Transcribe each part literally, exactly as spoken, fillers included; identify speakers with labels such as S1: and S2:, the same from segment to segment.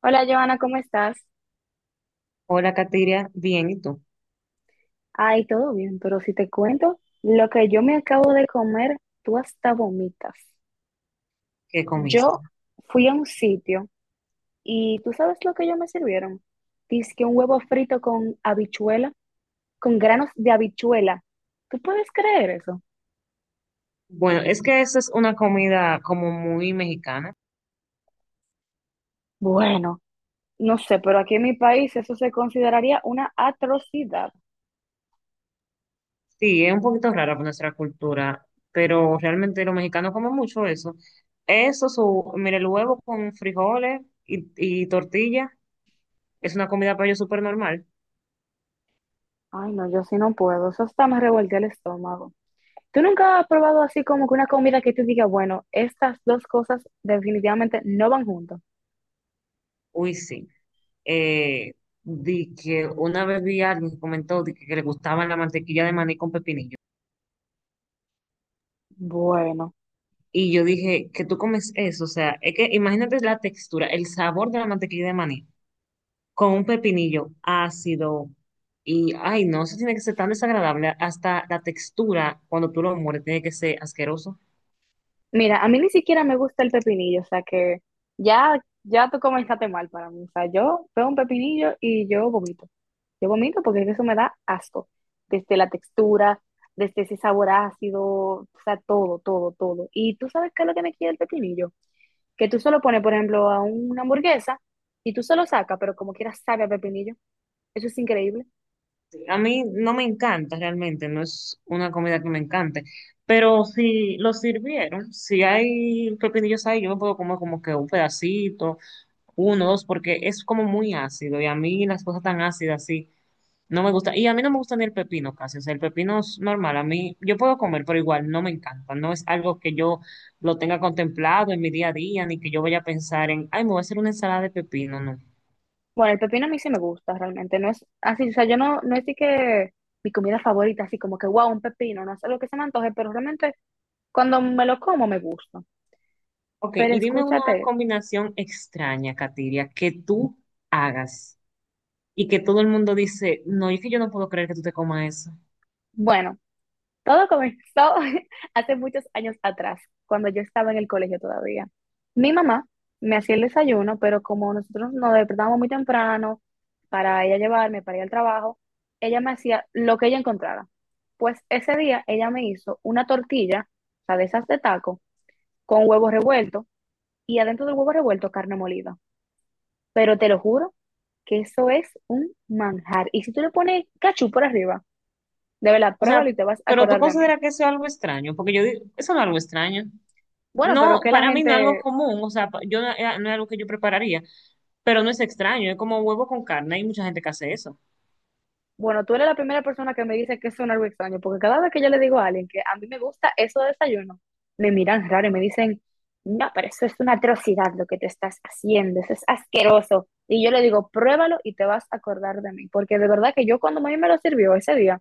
S1: Hola, Joana, ¿cómo estás?
S2: Hola, Katiria. Bien, ¿y tú?
S1: Ay, todo bien, pero si te cuento lo que yo me acabo de comer, tú hasta vomitas.
S2: ¿Qué comiste?
S1: Yo fui a un sitio y tú sabes lo que ellos me sirvieron. Dice que un huevo frito con habichuela, con granos de habichuela. ¿Tú puedes creer eso?
S2: Bueno, es que esa es una comida como muy mexicana.
S1: Bueno, no sé, pero aquí en mi país eso se consideraría una atrocidad.
S2: Sí, es un poquito rara por nuestra cultura, pero realmente los mexicanos comen mucho eso. Eso, su, mire, el huevo con frijoles y, y tortilla, es una comida para ellos súper normal.
S1: Ay, no, yo sí no puedo. Eso hasta me revolvió el estómago. ¿Tú nunca has probado así como que una comida que tú digas, bueno, estas dos cosas definitivamente no van juntas?
S2: Uy, sí. Eh, Di que una vez vi a alguien que comentó di que, que le gustaba la mantequilla de maní con pepinillo.
S1: Bueno,
S2: Y yo dije, ¿que tú comes eso? O sea, es que imagínate la textura, el sabor de la mantequilla de maní con un pepinillo ácido. Y ay, no, eso tiene que ser tan desagradable. Hasta la textura, cuando tú lo mueres, tiene que ser asqueroso.
S1: mira, a mí ni siquiera me gusta el pepinillo, o sea que ya, ya tú comenzaste mal para mí. O sea, yo veo un pepinillo y yo vomito. Yo vomito porque eso me da asco. Desde la textura, desde ese sabor ácido, o sea, todo, todo, todo. Y tú sabes qué es lo que me quiere el pepinillo. Que tú solo pones, por ejemplo, a una hamburguesa y tú solo sacas, pero como quieras sabe a pepinillo. Eso es increíble.
S2: A mí no me encanta realmente, no es una comida que me encante. Pero si lo sirvieron, si hay pepinillos ahí, yo me puedo comer como que un pedacito, uno, dos, porque es como muy ácido y a mí las cosas tan ácidas, sí, no me gusta. Y a mí no me gusta ni el pepino casi, o sea, el pepino es normal, a mí yo puedo comer, pero igual no me encanta, no es algo que yo lo tenga contemplado en mi día a día, ni que yo vaya a pensar en, ay, me voy a hacer una ensalada de pepino, no.
S1: Bueno, el pepino a mí sí me gusta realmente, no es así, o sea, yo no, no es así que mi comida favorita, así como que, wow, un pepino, no es algo que se me antoje, pero realmente cuando me lo como me gusta.
S2: Ok,
S1: Pero
S2: y dime una
S1: escúchate,
S2: combinación extraña, Katiria, que tú hagas y que todo el mundo dice, no, es que yo no puedo creer que tú te comas eso.
S1: bueno, todo comenzó hace muchos años atrás, cuando yo estaba en el colegio todavía. Mi mamá me hacía el desayuno, pero como nosotros nos despertábamos muy temprano para ella llevarme, para ir al trabajo, ella me hacía lo que ella encontrara. Pues ese día ella me hizo una tortilla, o sea, de esas de taco con huevo revuelto y adentro del huevo revuelto carne molida. Pero te lo juro que eso es un manjar. Y si tú le pones cachú por arriba, de verdad,
S2: O sea,
S1: pruébalo y te vas a
S2: pero tú
S1: acordar de mí.
S2: consideras que eso es algo extraño, porque yo digo, eso no es algo extraño.
S1: Bueno, pero
S2: No,
S1: que la
S2: para mí no es algo
S1: gente,
S2: común, o sea, pa- yo no, eh, no es algo que yo prepararía. Pero no es extraño, es como huevo con carne, hay mucha gente que hace eso.
S1: bueno, tú eres la primera persona que me dice que eso es un algo extraño, porque cada vez que yo le digo a alguien que a mí me gusta eso de desayuno, me miran raro y me dicen, no, pero eso es una atrocidad lo que te estás haciendo, eso es asqueroso. Y yo le digo, pruébalo y te vas a acordar de mí, porque de verdad que yo cuando a mí me lo sirvió ese día,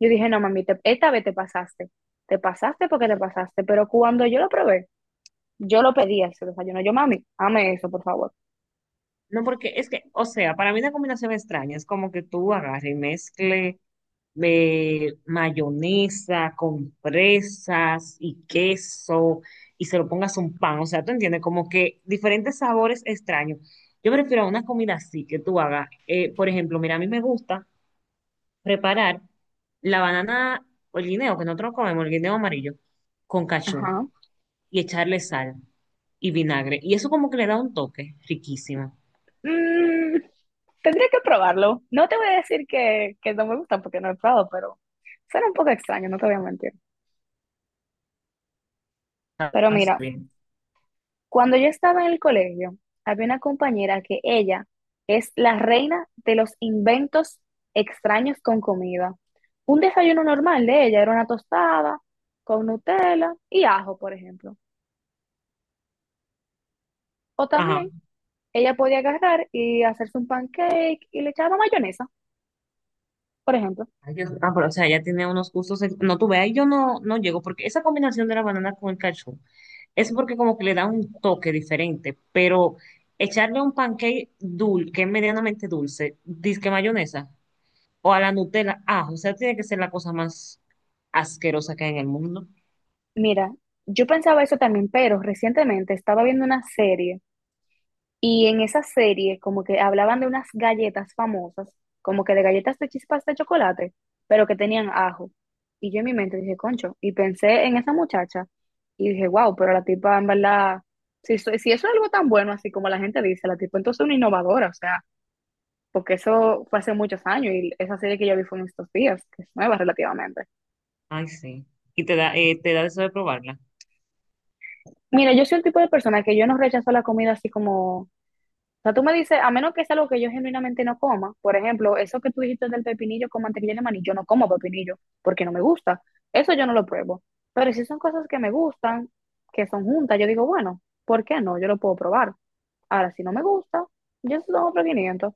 S1: yo dije, no, mami, te- esta vez te pasaste. Te pasaste porque te pasaste. Pero cuando yo lo probé, yo lo pedí ese desayuno. Yo, mami, ame eso, por favor.
S2: No, porque es que, o sea, para mí una combinación extraña es como que tú agarres y mezcle eh, mayonesa con fresas y queso y se lo pongas a un pan, o sea, tú entiendes, como que diferentes sabores extraños. Yo prefiero una comida así que tú hagas. Eh, por ejemplo, mira, a mí me gusta preparar la banana o el guineo, que nosotros comemos, el guineo amarillo, con cachú
S1: Ajá.
S2: y echarle sal y vinagre. Y eso como que le da un toque riquísimo.
S1: Mm, tendría que probarlo. No te voy a decir que, que no me gusta porque no he probado, pero suena un poco extraño, no te voy a mentir.
S2: A
S1: Pero
S2: veces
S1: mira,
S2: bien.
S1: cuando yo estaba en el colegio, había una compañera que ella es la reina de los inventos extraños con comida. Un desayuno normal de ella era una tostada con Nutella y ajo, por ejemplo. O
S2: Ajá.
S1: también ella podía agarrar y hacerse un pancake y le echaba mayonesa, por ejemplo.
S2: Ay, Dios. Ah, pero o sea, ella tiene unos gustos. ex- No, tú ve, ahí yo no, no llego, porque esa combinación de la banana con el cachú es porque como que le da un toque diferente, pero echarle a un pancake dulce, que es medianamente dulce, disque mayonesa, o a la Nutella, ah, o sea, tiene que ser la cosa más asquerosa que hay en el mundo.
S1: Mira, yo pensaba eso también, pero recientemente estaba viendo una serie. Y en esa serie, como que hablaban de unas galletas famosas, como que de galletas de chispas de chocolate, pero que tenían ajo. Y yo en mi mente dije, concho, y pensé en esa muchacha y dije, wow, pero la tipa en verdad, si, so- si eso es algo tan bueno, así como la gente dice, la tipa entonces es una innovadora, o sea, porque eso fue hace muchos años y esa serie que yo vi fue en estos días, que es nueva relativamente.
S2: Ay, sí. Y te da, eh, te da deseo de probarla.
S1: Mira, yo soy el tipo de persona que yo no rechazo la comida así como. O sea, tú me dices, a menos que sea algo que yo genuinamente no coma, por ejemplo, eso que tú dijiste del pepinillo con mantequilla de maní, yo no como pepinillo porque no me gusta. Eso yo no lo pruebo. Pero si son cosas que me gustan, que son juntas, yo digo, bueno, ¿por qué no? Yo lo puedo probar. Ahora, si no me gusta, yo tengo otro quinientos,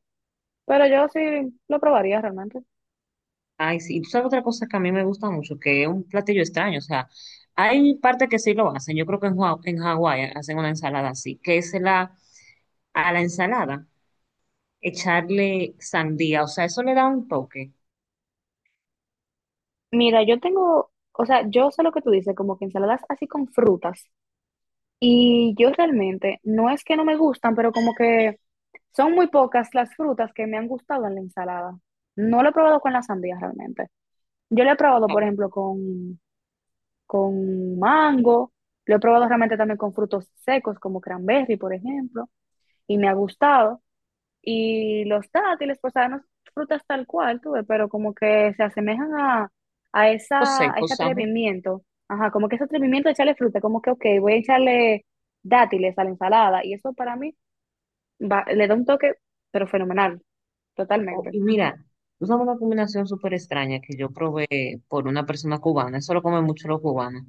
S1: pero yo sí lo probaría realmente.
S2: Ay, sí, y tú sabes otra cosa que a mí me gusta mucho, que es un platillo extraño, o sea, hay parte que sí lo hacen, yo creo que en, Hua- en Hawái hacen una ensalada así, que es la, a la ensalada echarle sandía, o sea, eso le da un toque,
S1: Mira, yo tengo, o sea, yo sé lo que tú dices, como que ensaladas así con frutas. Y yo realmente, no es que no me gustan, pero como que son muy pocas las frutas que me han gustado en la ensalada. No lo he probado con la sandía realmente. Yo lo he probado, por
S2: algo
S1: ejemplo, con, con mango, lo he probado realmente también con frutos secos como cranberry, por ejemplo, y me ha gustado y los dátiles, pues saben, frutas tal cual, tuve pero como que se asemejan a, a, esa, a
S2: seco,
S1: ese
S2: o ¿no?
S1: atrevimiento, ajá, como que ese atrevimiento de echarle fruta, como que, ok, voy a echarle dátiles a la ensalada, y eso para mí va- le da un toque, pero fenomenal,
S2: O-
S1: totalmente.
S2: y mira, tú sabes una combinación súper extraña que yo probé por una persona cubana, eso lo comen mucho los cubanos,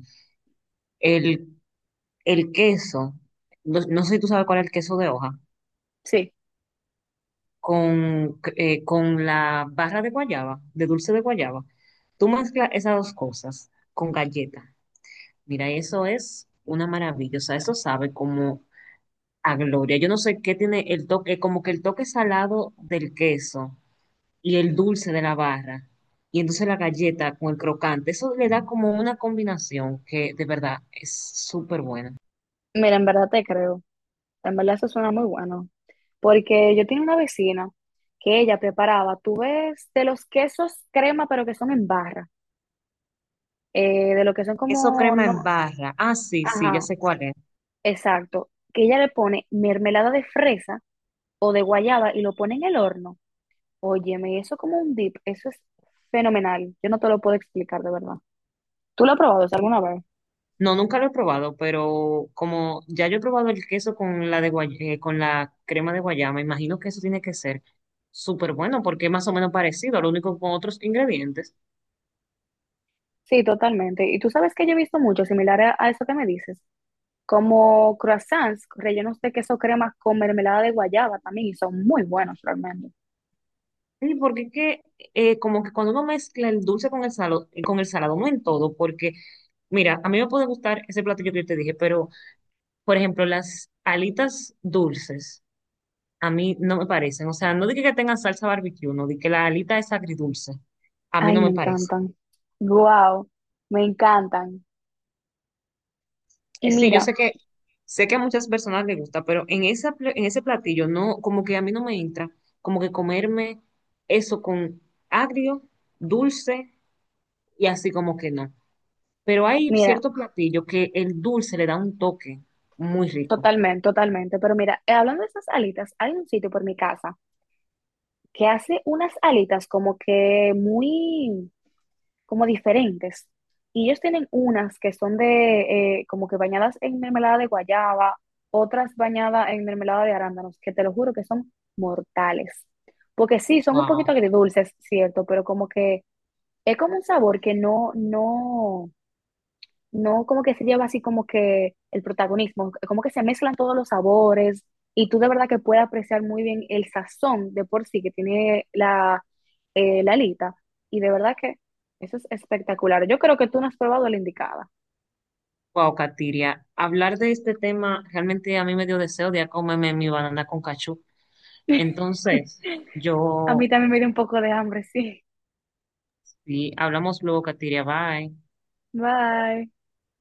S2: el, el queso, no, no sé si tú sabes cuál es el queso de hoja
S1: Sí,
S2: con, eh, con la barra de guayaba, de dulce de guayaba. Tú mezclas esas dos cosas con galleta. Mira, eso es una maravilla. O sea, eso sabe como a gloria. Yo no sé qué tiene el toque, como que el toque salado del queso y el dulce de la barra. Y entonces la galleta con el crocante, eso le da como una combinación que de verdad es súper buena.
S1: mira, en verdad te creo, en verdad eso suena muy bueno, porque yo tenía una vecina que ella preparaba, tú ves, de los quesos crema, pero que son en barra, eh, de lo que son
S2: Eso
S1: como,
S2: crema en
S1: no,
S2: barra. Ah, sí, sí, ya
S1: ajá,
S2: sé cuál es.
S1: exacto, que ella le pone mermelada de fresa o de guayaba y lo pone en el horno. Óyeme, eso como un dip, eso es fenomenal. Yo no te lo puedo explicar de verdad. ¿Tú lo has probado eso
S2: Sí,
S1: alguna vez?
S2: no, nunca lo he probado, pero como ya yo he probado el queso con la de guay- eh, con la crema de guayaba, imagino que eso tiene que ser súper bueno porque es más o menos parecido, lo único con otros ingredientes.
S1: Sí, totalmente. Y tú sabes que yo he visto mucho similar a, a eso que me dices, como croissants rellenos de queso crema con mermelada de guayaba también, y son muy buenos realmente.
S2: Sí, porque es que eh, como que cuando uno mezcla el dulce con el salado, con el salado, no en todo, porque mira, a mí me puede gustar ese platillo que yo te dije, pero por ejemplo, las alitas dulces a mí no me parecen, o sea, no dije que tengan salsa barbecue, no dije que la alita es agridulce, a mí
S1: Ay,
S2: no me
S1: me
S2: parece.
S1: encantan. Wow, me encantan. Y
S2: Eh, Sí, yo
S1: mira,
S2: sé que sé que a muchas personas les gusta, pero en esa, pla- en ese platillo no, como que a mí no me entra, como que comerme eso con agrio, dulce y así como que no. Pero hay
S1: mira,
S2: cierto platillo que el dulce le da un toque muy rico.
S1: totalmente, totalmente. Pero mira, eh, hablando de esas alitas, hay un sitio por mi casa que hace unas alitas como que muy, como diferentes. Y ellos tienen unas que son de, eh, como que bañadas en mermelada de guayaba, otras bañadas en mermelada de arándanos, que te lo juro que son mortales. Porque sí, son un poquito
S2: Wow,
S1: agridulces, cierto, pero como que es como un sabor que no, no, no como que se lleva así como que el protagonismo, como que se mezclan todos los sabores y tú de verdad que puedes apreciar muy bien el sazón de por sí que tiene la, eh, la alita y de verdad que eso es espectacular. Yo creo que tú no has probado la indicada.
S2: wow, Katiria. Hablar de este tema realmente a mí me dio deseo de ir a comerme mi banana con cachú. Entonces,
S1: A mí
S2: yo
S1: también me dio un poco de hambre, sí.
S2: sí, hablamos luego, Katiria. Bye.
S1: Bye.